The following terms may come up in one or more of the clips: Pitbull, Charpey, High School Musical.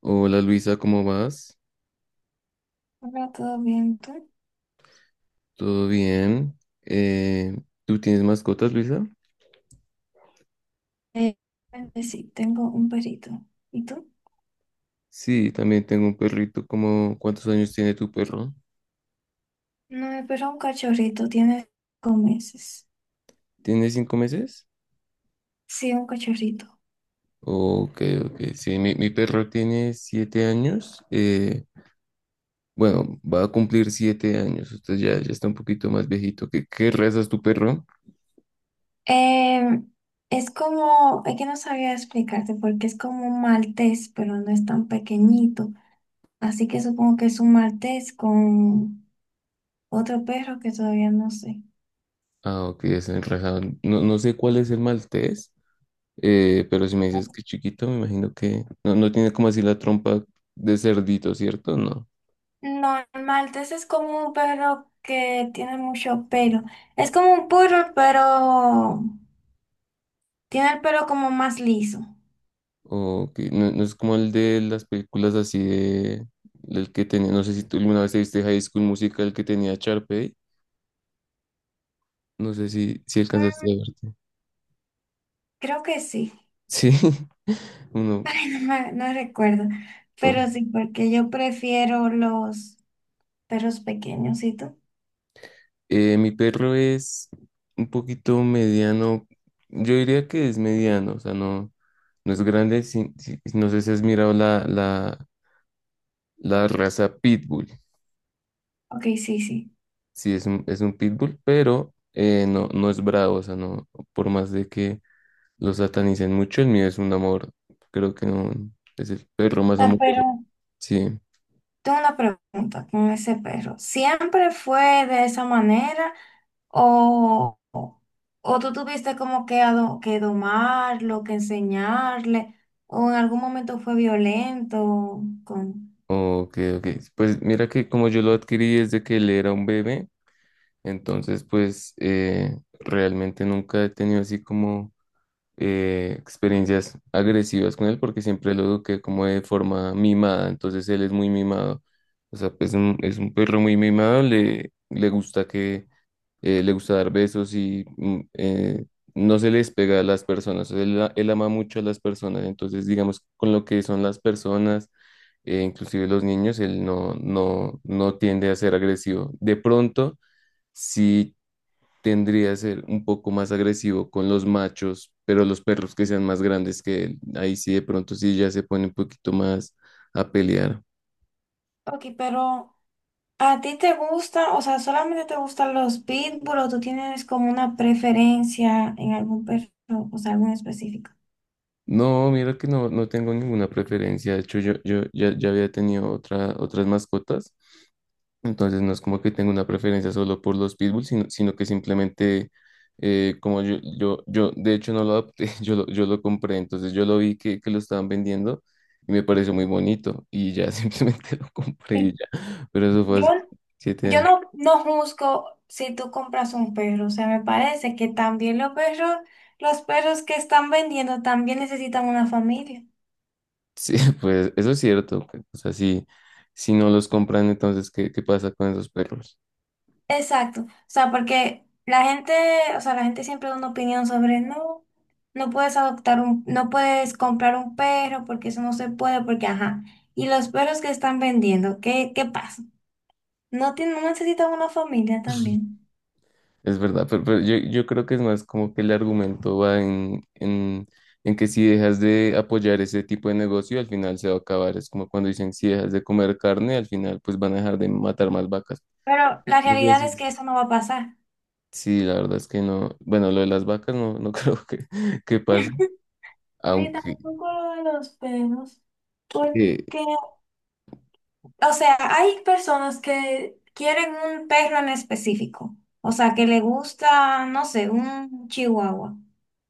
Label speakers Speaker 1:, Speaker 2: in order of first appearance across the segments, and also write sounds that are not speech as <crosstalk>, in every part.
Speaker 1: Hola Luisa, ¿cómo vas?
Speaker 2: Hola, ¿todo bien? ¿Tú?
Speaker 1: ¿Todo bien? Eh, ¿Tú tienes mascotas, Luisa?
Speaker 2: Eh, sí, tengo un perrito. ¿Y tú?
Speaker 1: Sí, también tengo un perrito. ¿Cuántos años tiene tu perro?
Speaker 2: No, pero un cachorrito, tiene cinco meses.
Speaker 1: ¿Tiene 5 meses?
Speaker 2: Sí, un cachorrito.
Speaker 1: Ok, ok. Sí, mi perro tiene 7 años. Bueno, va a cumplir 7 años. Usted ya está un poquito más viejito. ¿Qué raza es tu perro?
Speaker 2: Eh, es como, es que no sabía explicarte porque es como un maltés, pero no es tan pequeñito. Así que supongo que es un maltés con otro perro que todavía no sé.
Speaker 1: Ah, ok, es el raza. No, no sé cuál es el maltés, pero si me dices que es chiquito, me imagino que no, no tiene como así la trompa de cerdito, ¿cierto? No.
Speaker 2: No, el maltés es como un perro que tiene mucho pelo. Es como un poodle, pero tiene el pelo como más liso.
Speaker 1: Ok, no, no es como el de las películas así de... El que tenía, no sé si tú alguna vez te viste High School Musical que tenía Charpey. No sé si alcanzaste
Speaker 2: Mm,
Speaker 1: a verte.
Speaker 2: creo que sí.
Speaker 1: Sí, <laughs>
Speaker 2: <laughs>
Speaker 1: uno.
Speaker 2: Ay, no recuerdo. Pero
Speaker 1: o-
Speaker 2: sí, porque yo prefiero los perros pequeños, ¿y tú?
Speaker 1: Mi perro es un poquito mediano. Yo diría que es mediano, o sea, no, no es grande. Sí, no sé si has mirado la raza Pitbull.
Speaker 2: Ok, sí, sí.
Speaker 1: Sí, es es un Pitbull, pero no, no es bravo, o sea, no, por más de que lo satanizan mucho, el mío es un amor, creo que no, es el perro más
Speaker 2: Ah,
Speaker 1: amoroso.
Speaker 2: pero
Speaker 1: Sí,
Speaker 2: tengo una pregunta con ese perro. ¿Siempre fue de esa manera o, o, o tú tuviste como que, que domarlo, que enseñarle, o en algún momento fue violento con...
Speaker 1: ok, ok. Pues mira que como yo lo adquirí desde que él era un bebé, entonces pues realmente nunca he tenido así como experiencias agresivas con él porque siempre lo eduqué como de forma mimada, entonces él es muy mimado, o sea, pues, es un perro muy mimado, le gusta que, le gusta dar besos y no se les pega a las personas, o sea, él ama mucho a las personas, entonces digamos con lo que son las personas, inclusive los niños, él no tiende a ser agresivo. De pronto, si tendría que ser un poco más agresivo con los machos, pero los perros que sean más grandes que él, ahí sí de pronto sí ya se pone un poquito más a pelear.
Speaker 2: Ok, pero... ¿A ti te gusta, o sea, solamente te gustan los pitbull o tú tienes como una preferencia en algún perro, o sea, algún específico?
Speaker 1: No, mira que no, no tengo ninguna preferencia. De hecho, yo ya había tenido otras mascotas. Entonces no es como que tenga una preferencia solo por los pitbulls, sino que simplemente como yo, de hecho no lo adopté, <laughs> yo lo compré, entonces yo lo vi que lo estaban vendiendo y me pareció muy bonito y ya, <laughs> simplemente lo compré y
Speaker 2: Sí.
Speaker 1: ya, pero eso fue
Speaker 2: Yo,
Speaker 1: hace siete
Speaker 2: yo
Speaker 1: años.
Speaker 2: no juzgo si tú compras un perro, o sea, me parece que también los perros que están vendiendo también necesitan una familia.
Speaker 1: Sí, <laughs> pues eso es cierto, pues, o sea, si, si no los compran, entonces ¿qué, qué pasa con esos perros?
Speaker 2: Exacto, o sea, porque la gente, o sea, la gente siempre da una opinión sobre, no, no puedes adoptar no puedes comprar un perro porque eso no se puede, porque ajá. Y los perros que están vendiendo, ¿ qué pasa? No tienen, no necesitan una familia también.
Speaker 1: Es verdad, pero yo creo que es más como que el argumento va en que si dejas de apoyar ese tipo de negocio, al final se va a acabar. Es como cuando dicen, si dejas de comer carne, al final pues van a dejar de matar más vacas.
Speaker 2: Pero la
Speaker 1: Muchas
Speaker 2: realidad es que
Speaker 1: veces.
Speaker 2: eso no va a pasar.
Speaker 1: Sí, la verdad es que no. Bueno, lo de las vacas no, no <laughs> creo que pase,
Speaker 2: <laughs> Ni
Speaker 1: aunque
Speaker 2: tampoco lo de los perros,
Speaker 1: eh,
Speaker 2: porque... O sea, hay personas que quieren un perro en específico. O sea, que le gusta, no sé, un chihuahua.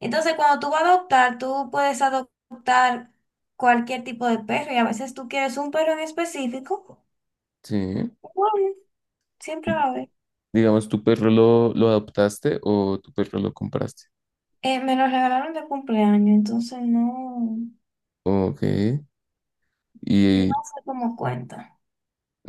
Speaker 2: Entonces, cuando tú vas a adoptar, tú puedes adoptar cualquier tipo de perro y a veces tú quieres un perro en específico.
Speaker 1: sí.
Speaker 2: Bueno, siempre va a haber.
Speaker 1: Digamos, ¿tu perro lo adoptaste o tu perro lo compraste?
Speaker 2: Me lo regalaron de cumpleaños, entonces no,
Speaker 1: Ok.
Speaker 2: no
Speaker 1: Y
Speaker 2: sé cómo cuenta.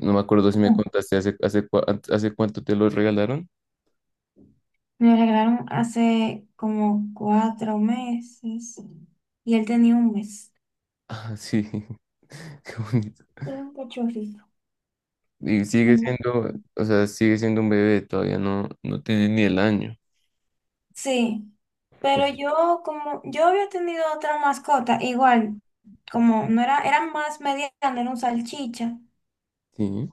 Speaker 1: no me acuerdo si me contaste hace cuánto te lo regalaron.
Speaker 2: Me lo regalaron hace como cuatro meses y él tenía un mes.
Speaker 1: Ah, sí, <laughs> qué bonito.
Speaker 2: Era un cachorrito.
Speaker 1: Y sigue
Speaker 2: Mm.
Speaker 1: siendo, o sea, sigue siendo un bebé, todavía no, no tiene ni el año.
Speaker 2: Sí,
Speaker 1: O-
Speaker 2: pero yo como yo había tenido otra mascota, igual, como no era, eran más mediana, era un salchicha,
Speaker 1: Sí,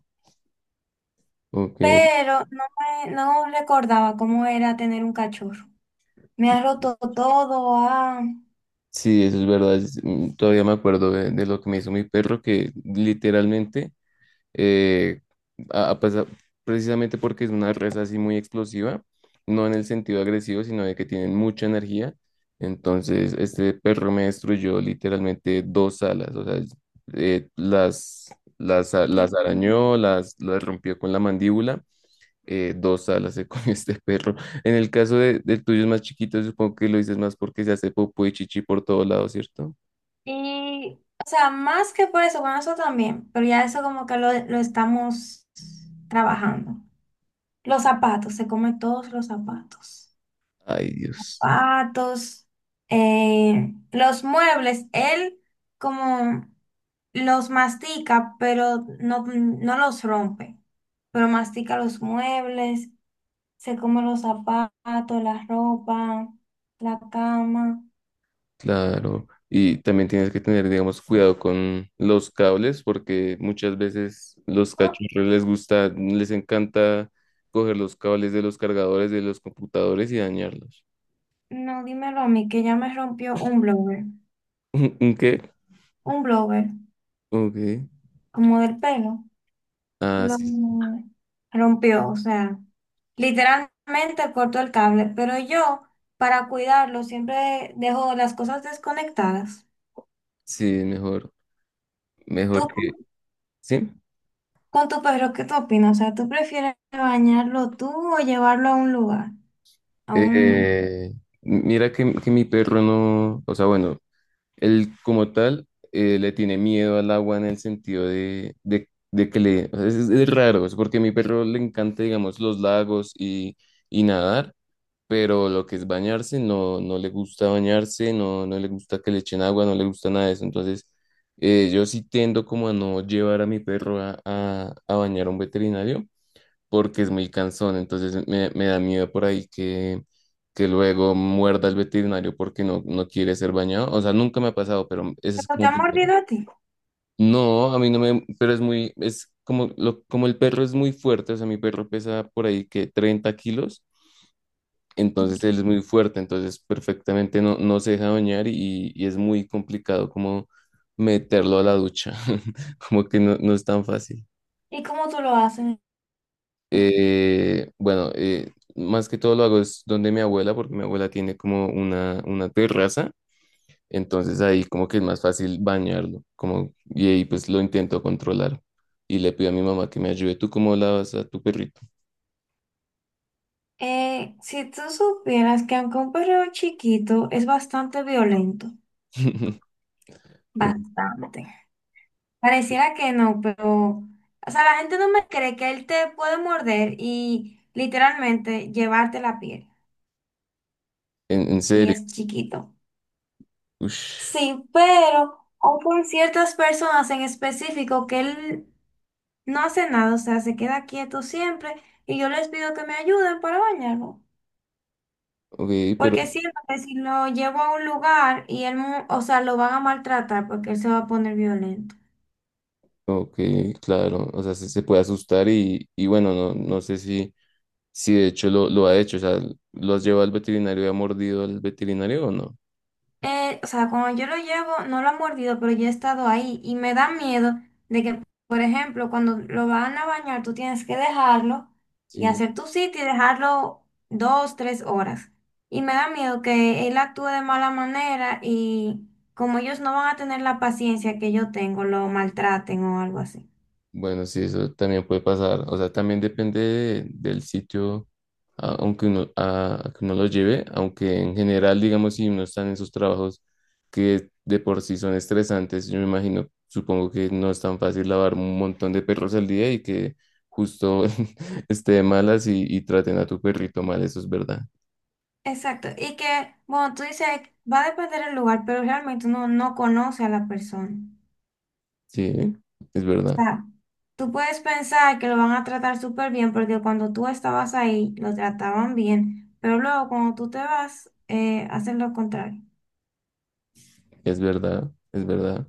Speaker 1: ok.
Speaker 2: pero no no recordaba cómo era tener un cachorro. Me ha roto todo, ah,
Speaker 1: Sí, eso es verdad. Todavía me acuerdo de lo que me hizo mi perro, que literalmente eh, a- a pesar- precisamente porque es una raza así muy explosiva, no en el sentido agresivo, sino de que tienen mucha energía. Entonces, este perro me destruyó literalmente dos alas, o sea, eh, las,
Speaker 2: ¿qué?
Speaker 1: las arañó, las rompió con la mandíbula. Dos alas se comió <laughs> este perro. En el caso de, del tuyo es más chiquito, supongo que lo dices más porque se hace popó y chichi por todos lados, ¿cierto?
Speaker 2: Y, o sea, más que por eso, bueno, eso también, pero ya eso como que lo estamos trabajando. Los zapatos, se come todos los zapatos.
Speaker 1: Ay, Dios.
Speaker 2: Zapatos, los muebles, él como los mastica, pero no, no los rompe, pero mastica los muebles, se come los zapatos, la ropa, la cama.
Speaker 1: Claro, y también tienes que tener, digamos, cuidado con los cables, porque muchas veces los
Speaker 2: Ah,
Speaker 1: cachorros les gusta, les encanta coger los cables de los cargadores de los computadores y dañarlos.
Speaker 2: no, dímelo a mí, que ya me rompió
Speaker 1: <laughs> ¿Un qué?
Speaker 2: un blower,
Speaker 1: Ok.
Speaker 2: como del pelo.
Speaker 1: Ah,
Speaker 2: Lo
Speaker 1: sí,
Speaker 2: rompió, o sea, literalmente cortó el cable, pero yo para cuidarlo siempre dejo las cosas desconectadas.
Speaker 1: sí, mejor
Speaker 2: Tú con,
Speaker 1: que, sí.
Speaker 2: con tu perro, ¿qué tú opinas? O sea, ¿tú prefieres bañarlo tú o llevarlo a un lugar? A un...
Speaker 1: Eh, Mira que mi perro no, o sea, bueno, él como tal le tiene miedo al agua en el sentido de que le... O sea, es raro, es porque a mi perro le encanta, digamos, los lagos y nadar, pero lo que es bañarse, no, no le gusta bañarse, no, no le gusta que le echen agua, no le gusta nada de eso. Entonces, yo sí tendo como a no llevar a mi perro a bañar a un veterinario porque es muy cansón, entonces me da miedo por ahí que luego muerda el veterinario porque no, no quiere ser bañado. O sea, nunca me ha pasado, pero ese es
Speaker 2: ¿Pero te
Speaker 1: como...
Speaker 2: ha mordido a ti?
Speaker 1: No, a mí no me... Pero es muy... Es como, lo, como el perro es muy fuerte, o sea, mi perro pesa por ahí que 30 kilos, entonces él es muy fuerte, entonces perfectamente no, no se deja bañar y es muy complicado como meterlo a la ducha, <laughs> como que no, no es tan fácil.
Speaker 2: ¿Y cómo tú lo haces?
Speaker 1: Bueno, más que todo lo hago es donde mi abuela, porque mi abuela tiene como una terraza, entonces ahí como que es más fácil bañarlo, como, y ahí pues lo intento controlar. Y le pido a mi mamá que me ayude. ¿Tú cómo lavas a tu perrito?
Speaker 2: Si tú supieras que aunque un perro chiquito es bastante violento,
Speaker 1: <laughs> Uy,
Speaker 2: bastante. Pareciera que no, pero, o sea, la gente no me cree que él te puede morder y literalmente llevarte la piel.
Speaker 1: en
Speaker 2: Y
Speaker 1: serio.
Speaker 2: es chiquito.
Speaker 1: Ush.
Speaker 2: Sí, pero, o por ciertas personas en específico que él no hace nada, o sea, se queda quieto siempre y yo les pido que me ayuden para bañarlo.
Speaker 1: Ok, pero,
Speaker 2: Porque siento que si lo llevo a un lugar y él, o sea, lo van a maltratar porque él se va a poner violento.
Speaker 1: ok, claro, o sea, se puede asustar y bueno, no, no sé si, si de hecho lo ha hecho, o sea, ¿lo has llevado al veterinario y ha mordido al veterinario o no?
Speaker 2: O sea, cuando yo lo llevo, no lo han mordido, pero yo he estado ahí y me da miedo de que, por ejemplo, cuando lo van a bañar, tú tienes que dejarlo y
Speaker 1: Sí.
Speaker 2: hacer tu sitio y dejarlo dos, tres horas. Y me da miedo que él actúe de mala manera y como ellos no van a tener la paciencia que yo tengo, lo maltraten o algo así.
Speaker 1: Bueno, sí, eso también puede pasar. O sea, también depende del sitio a- aunque uno, a que uno lo lleve, aunque en general, digamos, si uno está en esos trabajos que de por sí son estresantes, yo me imagino, supongo que no es tan fácil lavar un montón de perros al día y que justo <laughs> esté de malas y traten a tu perrito mal, eso es verdad.
Speaker 2: Exacto. Y que, bueno, tú dices, va a depender del lugar, pero realmente uno no conoce a la persona.
Speaker 1: Sí, es
Speaker 2: O
Speaker 1: verdad,
Speaker 2: sea, tú puedes pensar que lo van a tratar súper bien porque cuando tú estabas ahí lo trataban bien, pero luego cuando tú te vas, hacen lo contrario.
Speaker 1: es verdad, es verdad.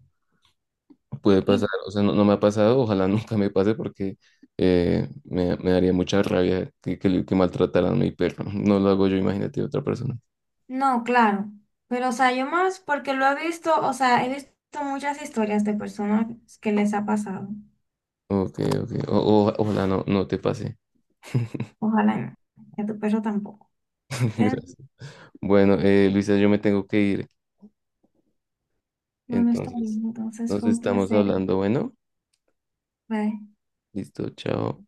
Speaker 1: Puede pasar,
Speaker 2: Y
Speaker 1: o sea, no, no me ha pasado, ojalá <laughs> nunca me pase porque me daría mucha rabia que maltrataran a mi perro. No lo hago yo, imagínate otra persona.
Speaker 2: no, claro, pero o sea, yo más porque lo he visto, o sea, he visto muchas historias de personas que les ha pasado.
Speaker 1: Ok, ok. Ojalá no, no te pase. <laughs>
Speaker 2: Ojalá no, y a tu perro tampoco. Te-
Speaker 1: Gracias. Bueno, Luisa, yo me tengo que ir.
Speaker 2: Bueno, está
Speaker 1: Entonces,
Speaker 2: bien, entonces
Speaker 1: nos
Speaker 2: fue un
Speaker 1: estamos
Speaker 2: placer.
Speaker 1: hablando. Bueno,
Speaker 2: Bye.
Speaker 1: listo, chao.